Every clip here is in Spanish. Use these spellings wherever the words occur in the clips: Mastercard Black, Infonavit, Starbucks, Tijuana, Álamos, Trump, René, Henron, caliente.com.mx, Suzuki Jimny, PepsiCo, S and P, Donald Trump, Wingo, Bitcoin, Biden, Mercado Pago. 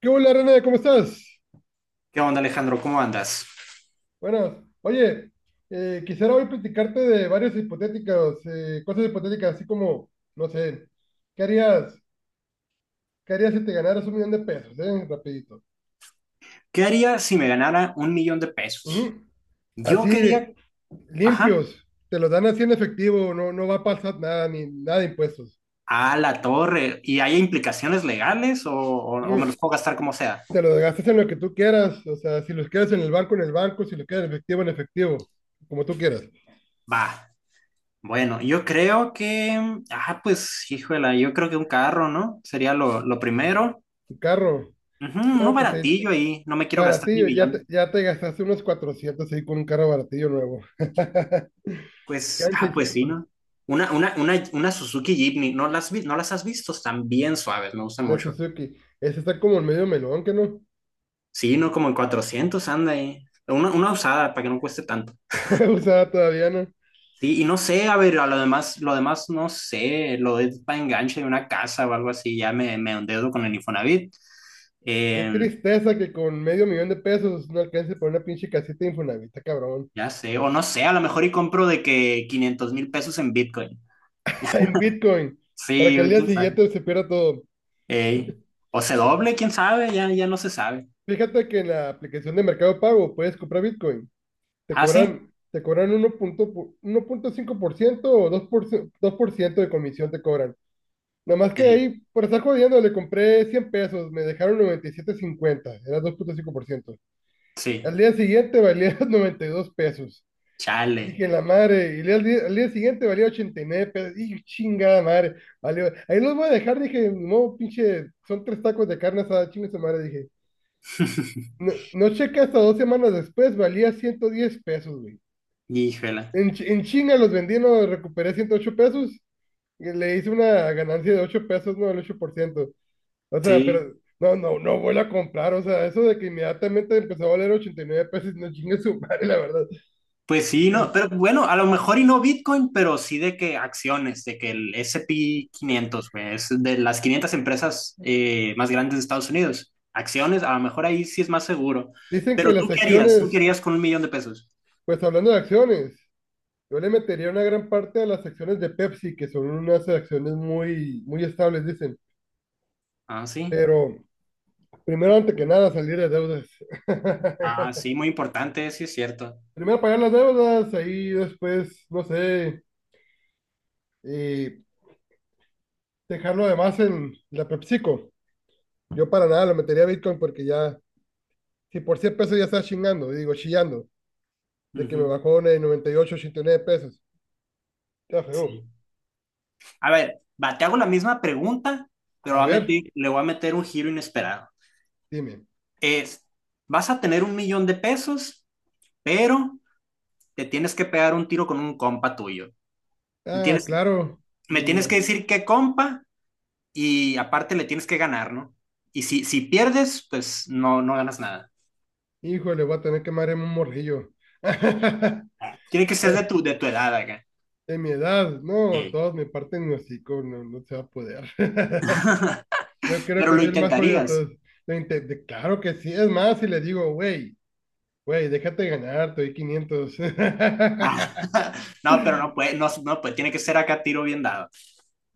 ¿Qué hola, René? ¿Cómo estás? ¿Qué onda, Alejandro? ¿Cómo andas? Buenas. Oye, quisiera hoy platicarte de varias hipotéticas, cosas hipotéticas, así como, no sé, ¿qué harías, qué harías si te ganaras 1 millón de pesos, eh? Rapidito. ¿Qué haría si me ganara un millón de pesos? Ujú. Yo Así, quería, ajá, limpios, te los dan así en efectivo, no, no va a pasar nada, ni nada de impuestos. a la torre. ¿Y hay implicaciones legales o me Ujú. los puedo gastar como sea? Te los gastas en lo que tú quieras, o sea, si los quieres en el banco, si los quieres en efectivo, como tú quieras. Va, bueno, yo creo que un carro, ¿no? Sería lo primero. Tu carro, Ujú, uno no, pues ahí baratillo ahí, no me quiero gastar mi baratillo, millón. ya te gastaste unos 400 ahí con un carro baratillo nuevo. Pues, Quedan ah, pues sí, 600, ¿no? Una Suzuki Jimny, no las has visto? Están bien suaves, me gustan una mucho. Suzuki. Ese está como el medio melón, ¿que no? Sí, no, como en 400 anda ahí. Una usada para que no cueste tanto. Usada todavía, ¿no? Sí, y no sé, a ver, a lo demás no sé, lo de para enganche de una casa o algo así, me endeudo con el Infonavit. Qué Eh, tristeza que con medio millón de pesos no alcance para una pinche casita de Infonavit, cabrón. ya sé, o no sé, a lo mejor y compro de que 500,000 pesos en Bitcoin. En Bitcoin, para Sí, que al güey, día quién sabe. siguiente se pierda todo. Ey. O se doble, quién sabe, ya, ya no se sabe. Fíjate que en la aplicación de Mercado Pago puedes comprar Bitcoin. ¿Ah, sí? Te cobran 1.5% o dos por ciento, 2% de comisión te cobran. Nada más que de Sí, ahí, por estar jodiendo, le compré 100 pesos, me dejaron 97.50, era 2.5%. sí, Al día siguiente valía 92 pesos. chale. Dije, la madre, al día siguiente valía 89 pesos. Y chingada madre, valió. Ahí los voy a dejar, dije, no, pinche, son tres tacos de carne asada, chingue su madre, dije. No, no chequé hasta 2 semanas después, valía 110 pesos, güey. Híjole. En chinga los vendí, no, recuperé 108 pesos. Y le hice una ganancia de 8 pesos, no, el 8%. O sea, Sí. pero no, no, no vuelvo a comprar. O sea, eso de que inmediatamente empezó a valer 89 pesos, no chingue su madre, la verdad. Pues sí, no, Que pero bueno, a lo mejor y no Bitcoin, pero sí de que acciones, de que el S&P 500, güey, es de las 500 empresas más grandes de Estados Unidos. Acciones, a lo mejor ahí sí es más seguro. Dicen que Pero las ¿tú qué harías? ¿tú qué acciones, harías con un millón de pesos? pues hablando de acciones, yo le metería una gran parte a las acciones de Pepsi, que son unas acciones muy, muy estables, dicen. Ah, sí. Pero primero, antes que nada, salir de deudas. Ah, sí, muy importante, sí es cierto. Primero pagar las deudas, ahí después, no sé, eh, dejarlo además en la PepsiCo. Yo para nada lo metería a Bitcoin porque ya. Si por 100 pesos ya estás chingando, digo, chillando, de que me Ujú, bajó de 98, 89 pesos. Ya feo. sí. A ver, va, te hago la misma pregunta, pero A ver, le voy a meter un giro inesperado. dime. Es, vas a tener un millón de pesos, pero te tienes que pegar un tiro con un compa tuyo. Me Ah, tienes, claro. me Mm, tienes que decir qué compa y aparte le tienes que ganar, ¿no? Y si pierdes, pues no, no ganas nada. Híjole, voy a tener que marearme un morrillo. Tiene que ser de de tu edad acá. De mi edad, no, Ey. todos me parten los hocico, no, no se va a poder. Yo creo Pero que lo soy el más jodido de intentarías. todos. Claro que sí, es más, si le digo, güey, déjate ganar, te doy 500. Ah, no, pero no puede, no, no puede, tiene que ser acá tiro bien dado.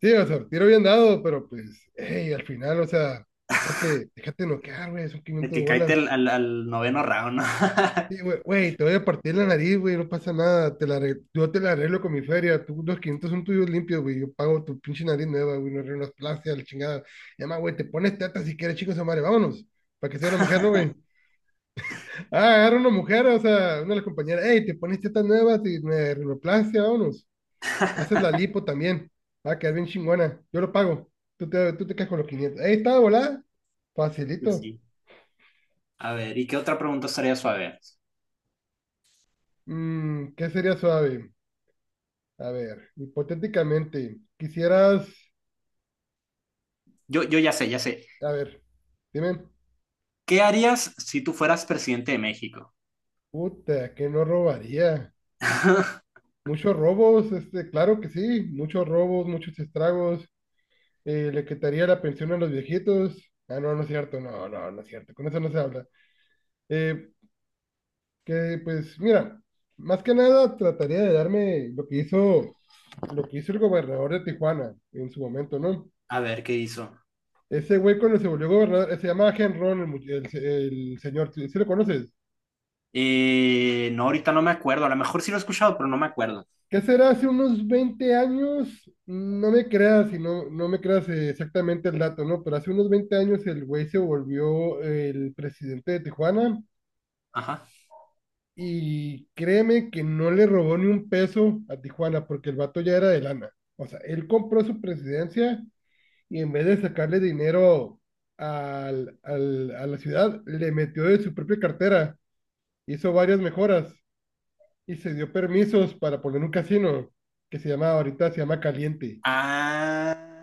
Sí, o sea, tiro bien dado, pero pues, hey, al final, o sea, déjate noquear, güey, son De 500 que caíte bolas. Al noveno round, ¿no? Sí, güey, te voy a partir la nariz, güey, no pasa nada, yo te la arreglo con mi feria, tú, los 500 son tuyos limpios, güey, yo pago tu pinche nariz nueva, güey, no arreglo las la chingada. Y además, güey, te pones teta si quieres, chicos, madre, vámonos, para que sea una mujer, ¿no, güey? Ah, agarra una mujer, o sea, una de las compañeras, hey, te pones tetas nuevas y me arreglo vámonos. Le haces la lipo también. Va a quedar bien chingona. Yo lo pago. Tú te quedas con los 500. Ahí está, volá. Pues Facilito. sí. A ver, ¿y qué otra pregunta estaría suave? ¿Qué sería suave? A ver, hipotéticamente, quisieras. Yo ya sé, ya sé. A ver, dime. ¿Qué harías si tú fueras presidente de México? Puta, que no robaría. Muchos robos, claro que sí. Muchos robos, muchos estragos. Le quitaría la pensión a los viejitos. Ah, no, no es cierto. No, no, no es cierto. Con eso no se habla. Eh, Que pues, mira, más que nada trataría de darme lo que hizo, el gobernador de Tijuana en su momento, ¿no? A ver, ¿qué hizo? Ese güey cuando se volvió gobernador, se llama Henron, el, mu- el, se- el señor, ¿si lo conoces? No, ahorita no me acuerdo. A lo mejor sí lo he escuchado, pero no me acuerdo. ¿Qué será? Hace unos 20 años, no me creas, y no, no me creas exactamente el dato, ¿no? Pero hace unos 20 años el güey se volvió el presidente de Tijuana Ajá. y créeme que no le robó ni un peso a Tijuana porque el vato ya era de lana. O sea, él compró su presidencia y en vez de sacarle dinero a la ciudad, le metió de su propia cartera, hizo varias mejoras y se dio permisos para poner un casino que se llama ahorita, se llama Caliente.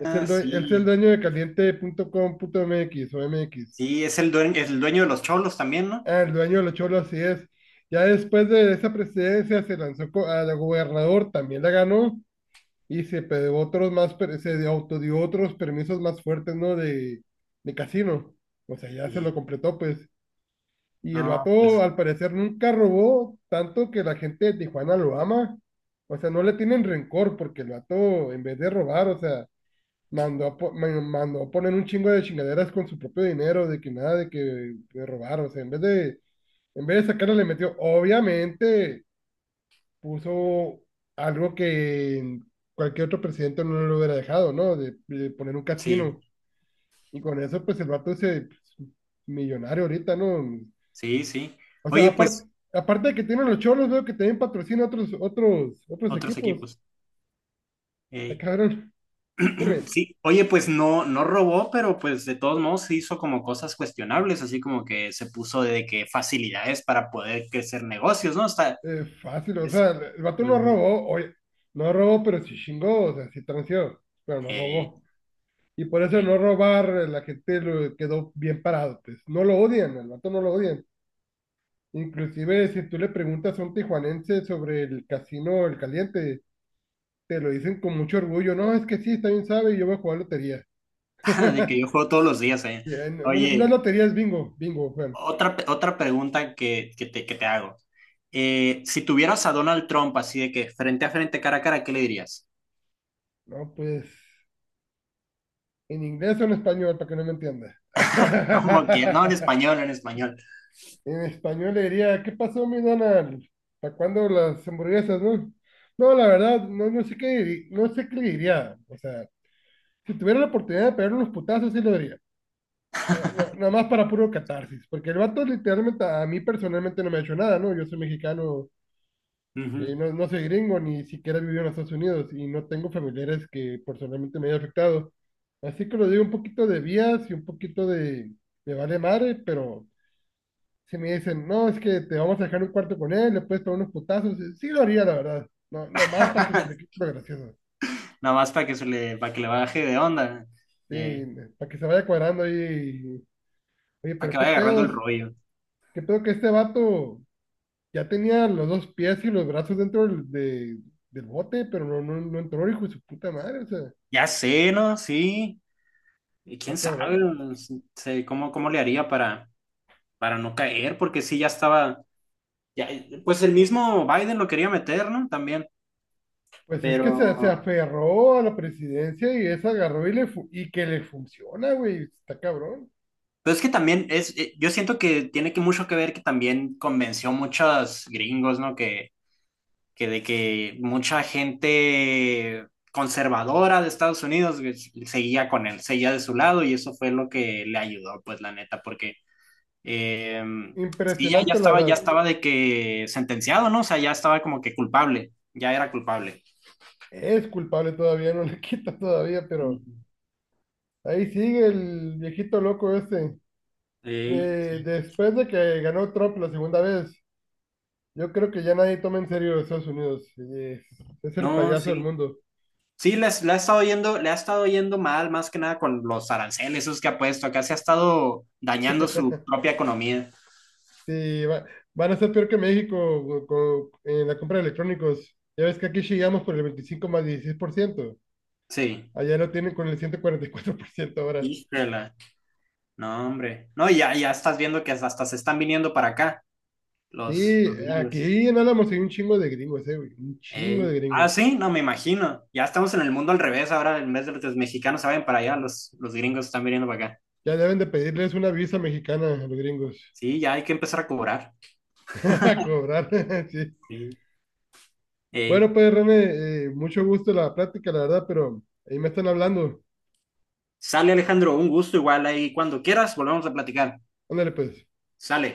Es el sí. dueño de caliente punto com caliente.com.mx o MX. Sí, es el dueño de los cholos también, ¿no? Ah, el dueño de los cholos, así es. Ya después de esa presidencia se lanzó a la gobernador, también la ganó y se pegó otros más, autodió otros permisos más fuertes, ¿no? De casino. O sea, ya se lo Sí. completó, pues. Y el No, vato, pues al parecer, nunca robó tanto que la gente de Tijuana lo ama. O sea, no le tienen rencor porque el vato, en vez de robar, o sea, mandó a poner un chingo de chingaderas con su propio dinero, de que nada, de que de robar. O sea, en vez de sacarle, le metió, obviamente puso algo que cualquier otro presidente no lo hubiera dejado, ¿no? De poner un sí, casino. Y con eso, pues el vato es pues, millonario ahorita, ¿no? sí, sí. O sea, Oye, pues, aparte de que tienen los cholos, veo que también patrocina otros otros equipos. equipos. La Ey. cabrón, dime, Sí, oye, pues no, no robó, pero pues de todos modos se hizo como cosas cuestionables, así como que se puso de que facilidades para poder crecer negocios, ¿no? Está, fácil, o es, sea, el vato no ujú. robó, oye, no robó, pero sí chingó, o sea, sí transió, pero no Ey, robó. Y por eso ey. no robar, la gente lo quedó bien parado, pues no lo odian, el vato no lo odian. Inclusive si tú le preguntas a un tijuanense sobre el casino El Caliente, te lo dicen con mucho orgullo. No, es que sí, está bien sabe y yo voy a jugar lotería. De que yo juego todos los días, eh. Ya, no, no, no es Oye. lotería, es bingo, bingo, Juan. Otra pregunta que te hago. Si tuvieras a Donald Trump así de que frente a frente, cara a cara, ¿qué le dirías? No, pues en inglés o en español, para que no me entienda. Como que, no, en español, en español. En español le diría, ¿qué pasó, mi Donald? ¿Para cuándo las hamburguesas, no? No, la verdad, no, no sé qué le diría. O sea, si tuviera la oportunidad de pegarle unos putazos, sí lo nada más para puro catarsis, porque el vato literalmente a mí personalmente no me ha hecho nada, ¿no? Yo soy mexicano, Ujú. No, no soy gringo, ni siquiera he vivido en los Estados Unidos y no tengo familiares que personalmente me haya afectado. Así que lo digo un poquito de vías y un poquito de vale madre, pero si me dicen, no, es que te vamos a dejar un cuarto con él, le puedes pegar unos putazos, sí lo haría, la verdad. No, nomás para que se le quite lo gracioso. Nada más para que se le, para que le baje de onda, Sí, eh, para que se vaya cuadrando ahí. Oye, para que pero qué vaya agarrando el pedos, rollo. qué pedo que este vato ya tenía los dos pies y los brazos dentro del bote, pero no, no, no entró, hijo de su puta madre, o sea, Ya sé, ¿no? Sí. Y quién está sabe, cabrón. no sé, cómo, cómo le haría para no caer, porque sí, ya estaba, ya, pues el mismo Biden lo quería meter, ¿no? También, Pues es que pero se aferró a la presidencia y eso agarró y que le funciona, güey, está cabrón. Pero es que también es, yo siento que tiene que mucho que ver que también convenció muchos gringos, ¿no? Que de que mucha gente conservadora de Estados Unidos güey, seguía con él, seguía de su lado y eso fue lo que le ayudó, pues la neta, porque eh, sí, ya, Impresionante, la ya verdad. estaba de que sentenciado, ¿no? O sea, ya estaba como que culpable, ya era culpable. Es culpable todavía, no le quita todavía, pero Ujú. ahí sigue el viejito loco ese. Ey, Después de que ganó Trump la segunda vez, yo creo que ya nadie toma en serio a Estados Unidos. Es el no, payaso del sí. mundo. Sí, les, la ha estado yendo, le ha estado yendo mal, más que nada con los aranceles esos que ha puesto. Acá se ha estado dañando su propia economía. Sí, van a ser peor que México en la compra de electrónicos. Ya ves que aquí llegamos por el 25 más 16%. Sí. Allá lo tienen con el 144% ahora. Híjole. No, hombre. No, ya, ya estás viendo que hasta se están viniendo para acá Sí, los gringos. aquí en Álamos hay un chingo de gringos, güey, un chingo de Ey. Ah, gringos. sí, no me imagino. Ya estamos en el mundo al revés ahora. En vez de los mexicanos se vayan para allá, los gringos están viniendo para acá. Ya deben de pedirles una visa mexicana a los gringos. Sí, ya hay que empezar a cobrar. A cobrar, sí. Sí. Bueno, Ey. pues René, mucho gusto la plática, la verdad, pero ahí me están hablando. Sale Alejandro, un gusto igual ahí. Cuando quieras, volvemos a platicar. Ándale, pues. Sale.